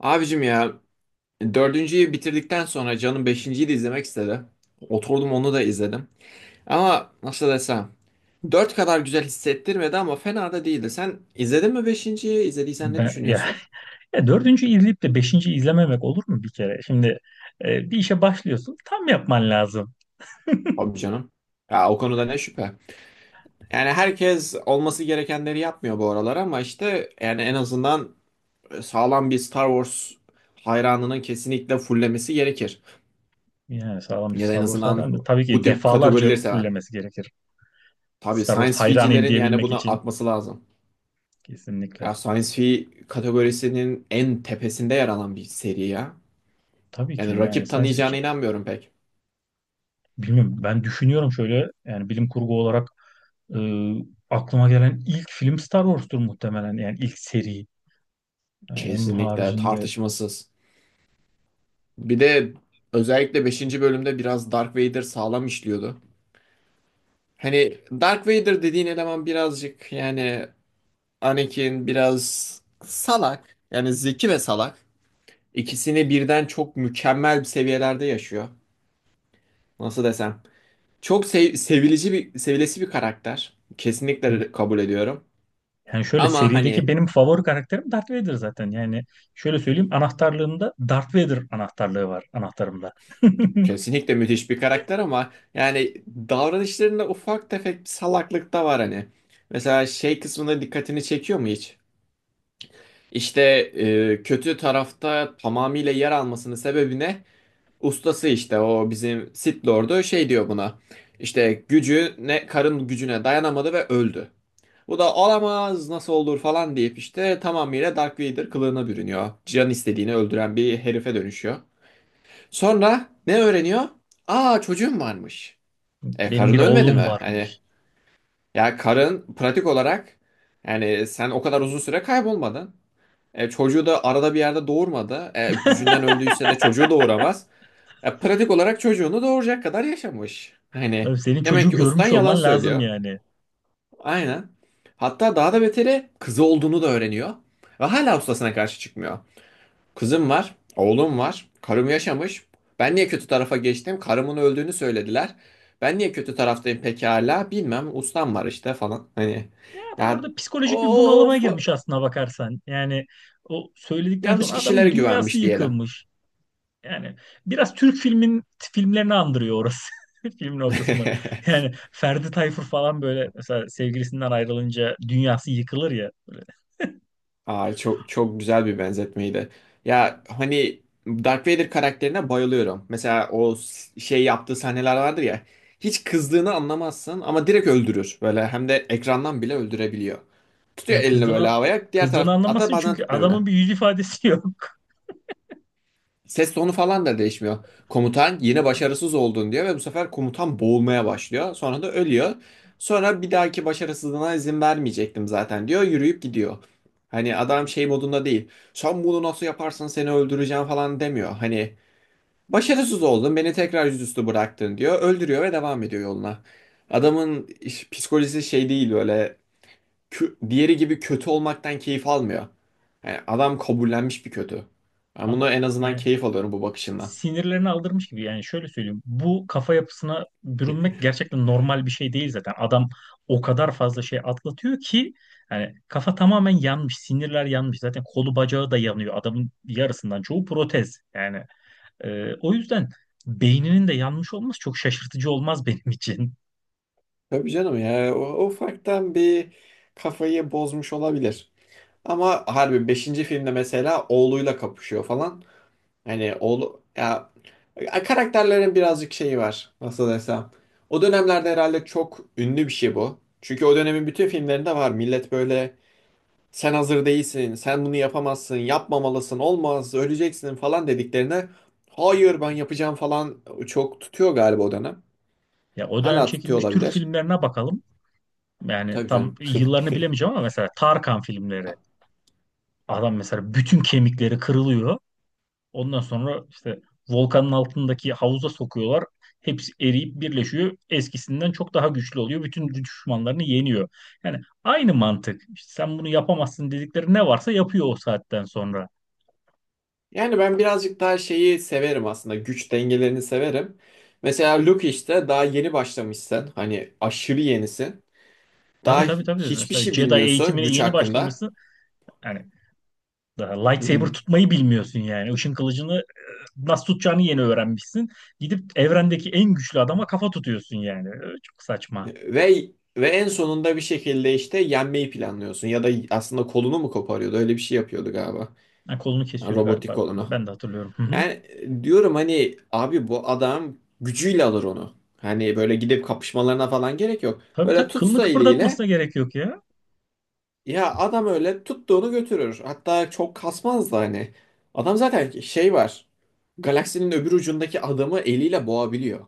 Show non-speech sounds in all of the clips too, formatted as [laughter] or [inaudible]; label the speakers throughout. Speaker 1: Abicim ya dördüncüyü bitirdikten sonra canım beşinciyi de izlemek istedi. Oturdum onu da izledim. Ama nasıl desem dört kadar güzel hissettirmedi ama fena da değildi. Sen izledin mi beşinciyi? İzlediysen ne
Speaker 2: Ben, ya, [laughs]
Speaker 1: düşünüyorsun?
Speaker 2: ya dördüncü izleyip de beşinci izlememek olur mu bir kere? Şimdi bir işe başlıyorsun tam yapman lazım.
Speaker 1: Abi canım. Ya o konuda ne şüphe. Yani herkes olması gerekenleri yapmıyor bu aralar ama işte yani en azından sağlam bir Star Wars hayranının kesinlikle fullemesi gerekir.
Speaker 2: Yani sağlam bir
Speaker 1: Ya da
Speaker 2: Star
Speaker 1: en
Speaker 2: Wars
Speaker 1: azından
Speaker 2: hayranı. Tabii
Speaker 1: bu
Speaker 2: ki
Speaker 1: tip
Speaker 2: defalarca
Speaker 1: kategorileri seven.
Speaker 2: fullemesi gerekir.
Speaker 1: Tabii
Speaker 2: Star Wars
Speaker 1: science
Speaker 2: hayranıyım
Speaker 1: ficilerin yani
Speaker 2: diyebilmek
Speaker 1: buna
Speaker 2: için
Speaker 1: atması lazım. Ya
Speaker 2: kesinlikle.
Speaker 1: Science Fi kategorisinin en tepesinde yer alan bir seri ya.
Speaker 2: Tabii ki
Speaker 1: Yani
Speaker 2: yani
Speaker 1: rakip
Speaker 2: science
Speaker 1: tanıyacağına
Speaker 2: fiction
Speaker 1: inanmıyorum pek.
Speaker 2: bilmiyorum, ben düşünüyorum şöyle, yani bilim kurgu olarak e, aklıma gelen ilk film Star Wars'tur muhtemelen, yani ilk seri. Yani onun
Speaker 1: Kesinlikle
Speaker 2: haricinde
Speaker 1: tartışmasız. Bir de özellikle beşinci bölümde biraz Dark Vader sağlam işliyordu. Hani Dark Vader dediğin eleman birazcık yani Anakin biraz salak. Yani zeki ve salak. İkisini birden çok mükemmel bir seviyelerde yaşıyor. Nasıl desem? Sevilici bir, sevilesi bir karakter. Kesinlikle kabul ediyorum.
Speaker 2: yani şöyle,
Speaker 1: Ama
Speaker 2: serideki
Speaker 1: hani
Speaker 2: benim favori karakterim Darth Vader zaten. Yani şöyle söyleyeyim, anahtarlığımda Darth Vader anahtarlığı var, anahtarımda. [laughs]
Speaker 1: kesinlikle müthiş bir karakter ama yani davranışlarında ufak tefek bir salaklık da var hani. Mesela şey kısmına dikkatini çekiyor mu hiç? İşte kötü tarafta tamamıyla yer almasının sebebi ne? Ustası işte o bizim Sith Lord'u şey diyor buna. İşte gücüne, karın gücüne dayanamadı ve öldü. Bu da olamaz nasıl olur falan deyip işte tamamıyla Dark Vader kılığına bürünüyor. Can istediğini öldüren bir herife dönüşüyor. Sonra ne öğreniyor? Aa çocuğum varmış. E
Speaker 2: Benim
Speaker 1: karın
Speaker 2: bir
Speaker 1: ölmedi
Speaker 2: oğlum
Speaker 1: mi? Hani
Speaker 2: varmış.
Speaker 1: ya karın pratik olarak yani sen o kadar uzun süre kaybolmadın. Çocuğu da arada bir yerde doğurmadı. Gücünden öldüyse de çocuğu doğuramaz. Pratik olarak çocuğunu doğuracak kadar yaşamış. Hani
Speaker 2: Tabii senin
Speaker 1: demek
Speaker 2: çocuğu
Speaker 1: ki ustan
Speaker 2: görmüş
Speaker 1: yalan
Speaker 2: olman lazım
Speaker 1: söylüyor.
Speaker 2: yani.
Speaker 1: Aynen. Hatta daha da beteri kızı olduğunu da öğreniyor. Ve hala ustasına karşı çıkmıyor. Kızım var, oğlum var, karım yaşamış. Ben niye kötü tarafa geçtim? Karımın öldüğünü söylediler. Ben niye kötü taraftayım pekala? Bilmem, ustam var işte falan. Hani
Speaker 2: Ya adam
Speaker 1: ya,
Speaker 2: orada psikolojik bir bunalıma
Speaker 1: of,
Speaker 2: girmiş aslına bakarsan. Yani o söyledikten
Speaker 1: yanlış
Speaker 2: sonra adamın
Speaker 1: kişilere
Speaker 2: dünyası
Speaker 1: güvenmiş diyelim.
Speaker 2: yıkılmış. Yani biraz Türk filmlerini andırıyor orası. [laughs] Filmin o kısmı.
Speaker 1: [laughs]
Speaker 2: Yani Ferdi Tayfur falan, böyle mesela sevgilisinden ayrılınca dünyası yıkılır ya. Böyle
Speaker 1: Aa, çok çok güzel bir benzetmeydi. Ya hani Darth Vader karakterine bayılıyorum. Mesela o yaptığı sahneler vardır ya. Hiç kızdığını anlamazsın ama direkt öldürür. Böyle hem de ekrandan bile öldürebiliyor. Tutuyor
Speaker 2: yani
Speaker 1: elini böyle
Speaker 2: kızdığını
Speaker 1: havaya. Diğer
Speaker 2: kızdığını
Speaker 1: taraf hatta
Speaker 2: anlamasın,
Speaker 1: bazen
Speaker 2: çünkü
Speaker 1: tutmuyor bile.
Speaker 2: adamın bir yüz ifadesi yok.
Speaker 1: Ses tonu falan da değişmiyor. Komutan yine
Speaker 2: [laughs]
Speaker 1: başarısız oldun diyor ve bu sefer komutan boğulmaya başlıyor. Sonra da ölüyor. Sonra bir dahaki başarısızlığına izin vermeyecektim zaten diyor. Yürüyüp gidiyor. Hani adam şey modunda değil. Sen bunu nasıl yaparsın seni öldüreceğim falan demiyor. Hani başarısız oldun beni tekrar yüzüstü bıraktın diyor. Öldürüyor ve devam ediyor yoluna. Adamın psikolojisi şey değil böyle diğeri gibi kötü olmaktan keyif almıyor. Yani adam kabullenmiş bir kötü. Ben bunu
Speaker 2: Adam
Speaker 1: en azından
Speaker 2: yani
Speaker 1: keyif alıyorum bu bakışından.
Speaker 2: sinirlerini aldırmış gibi, yani şöyle söyleyeyim. Bu kafa yapısına bürünmek gerçekten normal bir şey değil zaten. Adam o kadar fazla şey atlatıyor ki yani kafa tamamen yanmış, sinirler yanmış. Zaten kolu bacağı da yanıyor. Adamın yarısından çoğu protez. Yani o yüzden beyninin de yanmış olması çok şaşırtıcı olmaz benim için.
Speaker 1: Tabii canım ya o, ufaktan bir kafayı bozmuş olabilir. Ama harbi beşinci filmde mesela oğluyla kapışıyor falan. Hani oğlu ya ya karakterlerin birazcık şeyi var nasıl desem. O dönemlerde herhalde çok ünlü bir şey bu. Çünkü o dönemin bütün filmlerinde var. Millet böyle sen hazır değilsin, sen bunu yapamazsın, yapmamalısın, olmaz, öleceksin falan dediklerine hayır ben yapacağım falan çok tutuyor galiba o dönem.
Speaker 2: Ya o dönem
Speaker 1: Hala tutuyor
Speaker 2: çekilmiş Türk
Speaker 1: olabilir.
Speaker 2: filmlerine bakalım. Yani
Speaker 1: Tabii
Speaker 2: tam
Speaker 1: canım. [laughs]
Speaker 2: yıllarını bilemeyeceğim ama mesela Tarkan filmleri. Adam mesela bütün kemikleri kırılıyor. Ondan sonra işte volkanın altındaki havuza sokuyorlar. Hepsi eriyip birleşiyor. Eskisinden çok daha güçlü oluyor. Bütün düşmanlarını yeniyor. Yani aynı mantık. İşte sen bunu yapamazsın dedikleri ne varsa yapıyor o saatten sonra.
Speaker 1: Yani ben birazcık daha şeyi severim aslında. Güç dengelerini severim. Mesela Luke işte daha yeni başlamışsın. Hani aşırı yenisin.
Speaker 2: Tabii,
Speaker 1: Daha
Speaker 2: tabii, tabii.
Speaker 1: hiçbir
Speaker 2: Mesela
Speaker 1: şey
Speaker 2: Jedi
Speaker 1: bilmiyorsun
Speaker 2: eğitimine
Speaker 1: güç
Speaker 2: yeni
Speaker 1: hakkında.
Speaker 2: başlamışsın. Yani daha
Speaker 1: Hı
Speaker 2: lightsaber
Speaker 1: hı.
Speaker 2: tutmayı bilmiyorsun yani. Işın kılıcını nasıl tutacağını yeni öğrenmişsin. Gidip evrendeki en güçlü adama kafa tutuyorsun yani. E, çok saçma.
Speaker 1: Ve ve en sonunda bir şekilde işte yenmeyi planlıyorsun. Ya da aslında kolunu mu koparıyordu? Öyle bir şey yapıyordu galiba.
Speaker 2: Ha, kolunu kesiyordu
Speaker 1: Robotik
Speaker 2: galiba.
Speaker 1: olanı.
Speaker 2: Ben de hatırlıyorum. Hı hı.
Speaker 1: Yani diyorum hani abi bu adam gücüyle alır onu. Hani böyle gidip kapışmalarına falan gerek yok.
Speaker 2: Tabii,
Speaker 1: Böyle
Speaker 2: tabii, kılını
Speaker 1: tutsa eliyle
Speaker 2: kıpırdatmasına gerek yok ya.
Speaker 1: ya adam öyle tuttuğunu götürür. Hatta çok kasmaz da hani. Adam zaten şey var. Galaksinin öbür ucundaki adamı eliyle boğabiliyor.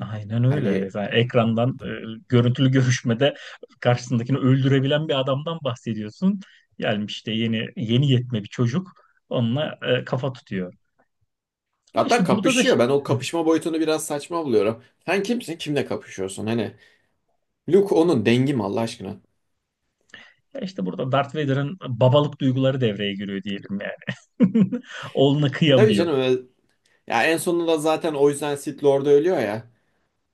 Speaker 2: Aynen öyle.
Speaker 1: Hani
Speaker 2: Yani ekrandan görüntülü görüşmede karşısındakini öldürebilen bir adamdan bahsediyorsun. Gelmiş işte yeni yeni yetme bir çocuk onunla kafa tutuyor. Ama
Speaker 1: hatta
Speaker 2: işte burada da
Speaker 1: kapışıyor.
Speaker 2: şey,
Speaker 1: Ben o kapışma boyutunu biraz saçma buluyorum. Sen kimsin? Kimle kapışıyorsun? Hani Luke onun dengi mi Allah aşkına?
Speaker 2: ya İşte burada Darth Vader'ın babalık duyguları devreye giriyor diyelim yani. [laughs] Oğluna
Speaker 1: Tabii
Speaker 2: kıyamıyor.
Speaker 1: canım öyle- ya en sonunda zaten o yüzden Sith Lord'u ölüyor ya.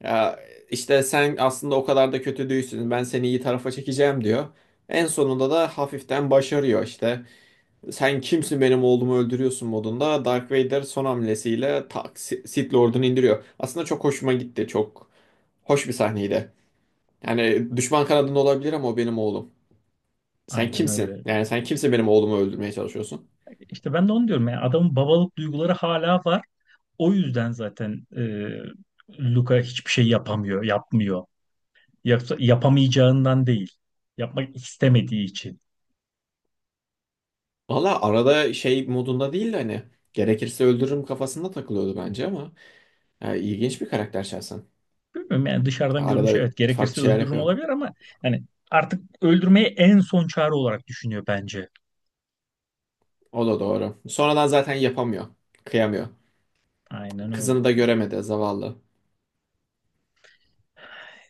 Speaker 1: Ya işte sen aslında o kadar da kötü değilsin. Ben seni iyi tarafa çekeceğim diyor. En sonunda da hafiften başarıyor işte. Sen kimsin benim oğlumu öldürüyorsun modunda Dark Vader son hamlesiyle tak Sith Lord'unu indiriyor. Aslında çok hoşuma gitti. Çok hoş bir sahneydi. Yani düşman kanadında olabilir ama o benim oğlum. Sen
Speaker 2: Aynen
Speaker 1: kimsin?
Speaker 2: öyle.
Speaker 1: Yani sen kimsin benim oğlumu öldürmeye çalışıyorsun?
Speaker 2: İşte ben de onu diyorum, ya adamın babalık duyguları hala var. O yüzden zaten Luka hiçbir şey yapamıyor, yapmıyor. Yoksa yapamayacağından değil. Yapmak istemediği için.
Speaker 1: Valla arada şey modunda değil de hani gerekirse öldürürüm kafasında takılıyordu bence ama yani ilginç bir karakter şahsen.
Speaker 2: Bilmiyorum yani, dışarıdan
Speaker 1: Arada
Speaker 2: görünüşü evet
Speaker 1: farklı
Speaker 2: gerekirse
Speaker 1: şeyler
Speaker 2: öldürürüm
Speaker 1: yapıyor.
Speaker 2: olabilir ama yani artık öldürmeyi en son çare olarak düşünüyor bence.
Speaker 1: O da doğru. Sonradan zaten yapamıyor. Kıyamıyor.
Speaker 2: Aynen
Speaker 1: Kızını
Speaker 2: öyle.
Speaker 1: da göremedi zavallı.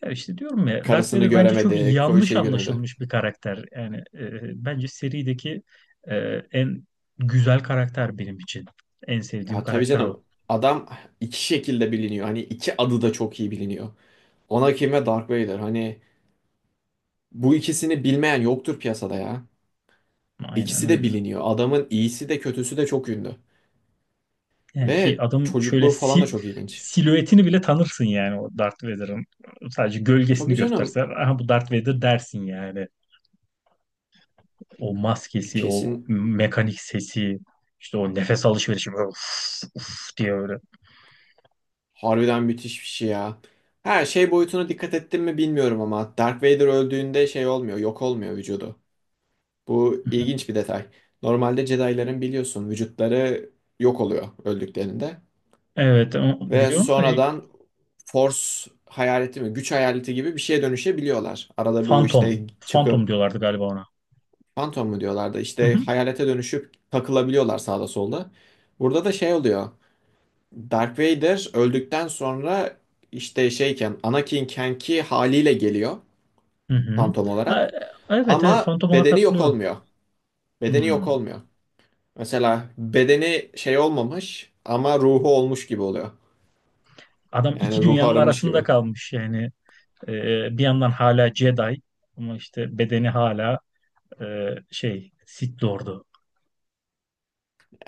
Speaker 2: Ya işte diyorum ya, Darth
Speaker 1: Karısını
Speaker 2: Vader bence çok
Speaker 1: göremedi. Koyu
Speaker 2: yanlış
Speaker 1: şey göremedi.
Speaker 2: anlaşılmış bir karakter. Yani bence serideki e, en güzel karakter benim için. En sevdiğim
Speaker 1: Ya tabii
Speaker 2: karakter o.
Speaker 1: canım. Adam iki şekilde biliniyor. Hani iki adı da çok iyi biliniyor. Anakin ve Dark Vader. Hani bu ikisini bilmeyen yoktur piyasada ya.
Speaker 2: Aynen
Speaker 1: İkisi de
Speaker 2: öyle.
Speaker 1: biliniyor. Adamın iyisi de kötüsü de çok ünlü.
Speaker 2: Yani ki
Speaker 1: Ve
Speaker 2: adam şöyle
Speaker 1: çocukluğu falan da çok ilginç.
Speaker 2: silüetini bile tanırsın yani, o Darth Vader'ın. Sadece gölgesini
Speaker 1: Tabii
Speaker 2: gösterse,
Speaker 1: canım.
Speaker 2: aha bu Darth Vader dersin yani. O maskesi, o
Speaker 1: Kesin
Speaker 2: mekanik sesi, işte o nefes alışverişi, böyle uf, uf diye öyle.
Speaker 1: harbiden müthiş bir şey ya. Her şey boyutuna dikkat ettin mi bilmiyorum ama Darth Vader öldüğünde şey olmuyor, yok olmuyor vücudu. Bu
Speaker 2: Hı hı.
Speaker 1: ilginç bir detay. Normalde Jedi'ların biliyorsun vücutları yok oluyor öldüklerinde
Speaker 2: Evet, o-
Speaker 1: ve
Speaker 2: biliyorum da
Speaker 1: sonradan Force hayaleti mi, güç hayaleti gibi bir şeye dönüşebiliyorlar. Arada bu
Speaker 2: Phantom.
Speaker 1: işte
Speaker 2: Phantom
Speaker 1: çıkıp
Speaker 2: diyorlardı galiba ona.
Speaker 1: Phantom mu diyorlardı
Speaker 2: Hı
Speaker 1: işte
Speaker 2: hı.
Speaker 1: hayalete dönüşüp takılabiliyorlar sağda solda. Burada da şey oluyor. Darth Vader öldükten sonra işte şeyken Anakin'kenki haliyle geliyor
Speaker 2: Hı hı.
Speaker 1: Phantom
Speaker 2: Ha,
Speaker 1: olarak.
Speaker 2: evet evet
Speaker 1: Ama
Speaker 2: Phantom olarak
Speaker 1: bedeni yok
Speaker 2: hatırlıyorum.
Speaker 1: olmuyor. Bedeni yok
Speaker 2: Hmm.
Speaker 1: olmuyor. Mesela bedeni şey olmamış ama ruhu olmuş gibi oluyor.
Speaker 2: Adam
Speaker 1: Yani
Speaker 2: iki
Speaker 1: ruhu
Speaker 2: dünyanın
Speaker 1: aramış
Speaker 2: arasında
Speaker 1: gibi.
Speaker 2: kalmış yani. Bir yandan hala Jedi ama işte bedeni hala e, şey, Sith Lord'u.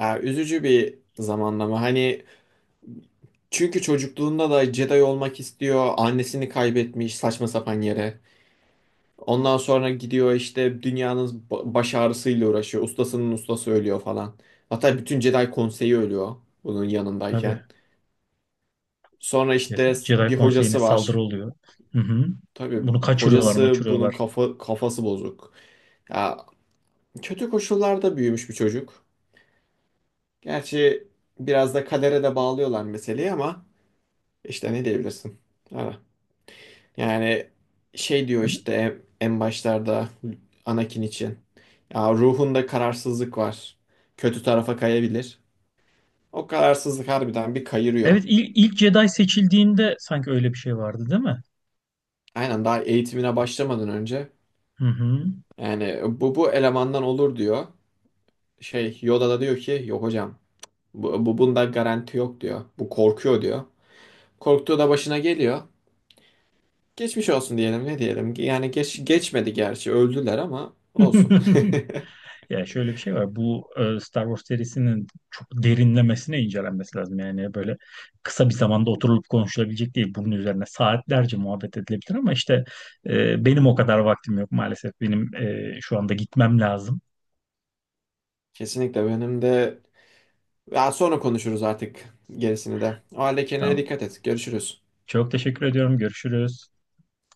Speaker 1: Ya üzücü bir zamanlama. Hani çünkü çocukluğunda da Jedi olmak istiyor. Annesini kaybetmiş saçma sapan yere. Ondan sonra gidiyor işte dünyanın baş ağrısıyla uğraşıyor. Ustasının ustası ölüyor falan. Hatta bütün Jedi konseyi ölüyor bunun yanındayken.
Speaker 2: Tabii.
Speaker 1: Sonra işte
Speaker 2: Jedi
Speaker 1: bir
Speaker 2: Konseyi'ne
Speaker 1: hocası
Speaker 2: saldırı
Speaker 1: var.
Speaker 2: oluyor. Hı hı.
Speaker 1: Tabii
Speaker 2: Bunu kaçırıyorlar,
Speaker 1: hocası bunun
Speaker 2: maçırıyorlar.
Speaker 1: kafası bozuk. Ya kötü koşullarda büyümüş bir çocuk. Gerçi biraz da kadere de bağlıyorlar meseleyi ama işte ne diyebilirsin? Ha. Yani şey diyor işte en başlarda Anakin için. Ya ruhunda kararsızlık var. Kötü tarafa kayabilir. O kararsızlık harbiden bir kayırıyor.
Speaker 2: Evet, ilk Jedi seçildiğinde sanki öyle bir şey vardı, değil mi?
Speaker 1: Aynen daha eğitimine başlamadan önce.
Speaker 2: Hı hı.
Speaker 1: Yani bu elemandan olur diyor. Şey Yoda da diyor ki yok hocam bu bunda garanti yok diyor. Bu korkuyor diyor. Korktuğu da başına geliyor. Geçmiş olsun diyelim ne diyelim. Yani geçmedi gerçi öldüler ama olsun.
Speaker 2: [laughs]
Speaker 1: [laughs]
Speaker 2: Ya şöyle bir şey var. Bu Star Wars serisinin çok derinlemesine incelenmesi lazım. Yani böyle kısa bir zamanda oturulup konuşulabilecek değil. Bunun üzerine saatlerce muhabbet edilebilir ama işte benim o kadar vaktim yok maalesef. Benim şu anda gitmem lazım.
Speaker 1: Kesinlikle benim de ya sonra konuşuruz artık gerisini de. O halde kendine
Speaker 2: Tamam.
Speaker 1: dikkat et. Görüşürüz.
Speaker 2: Çok teşekkür ediyorum. Görüşürüz.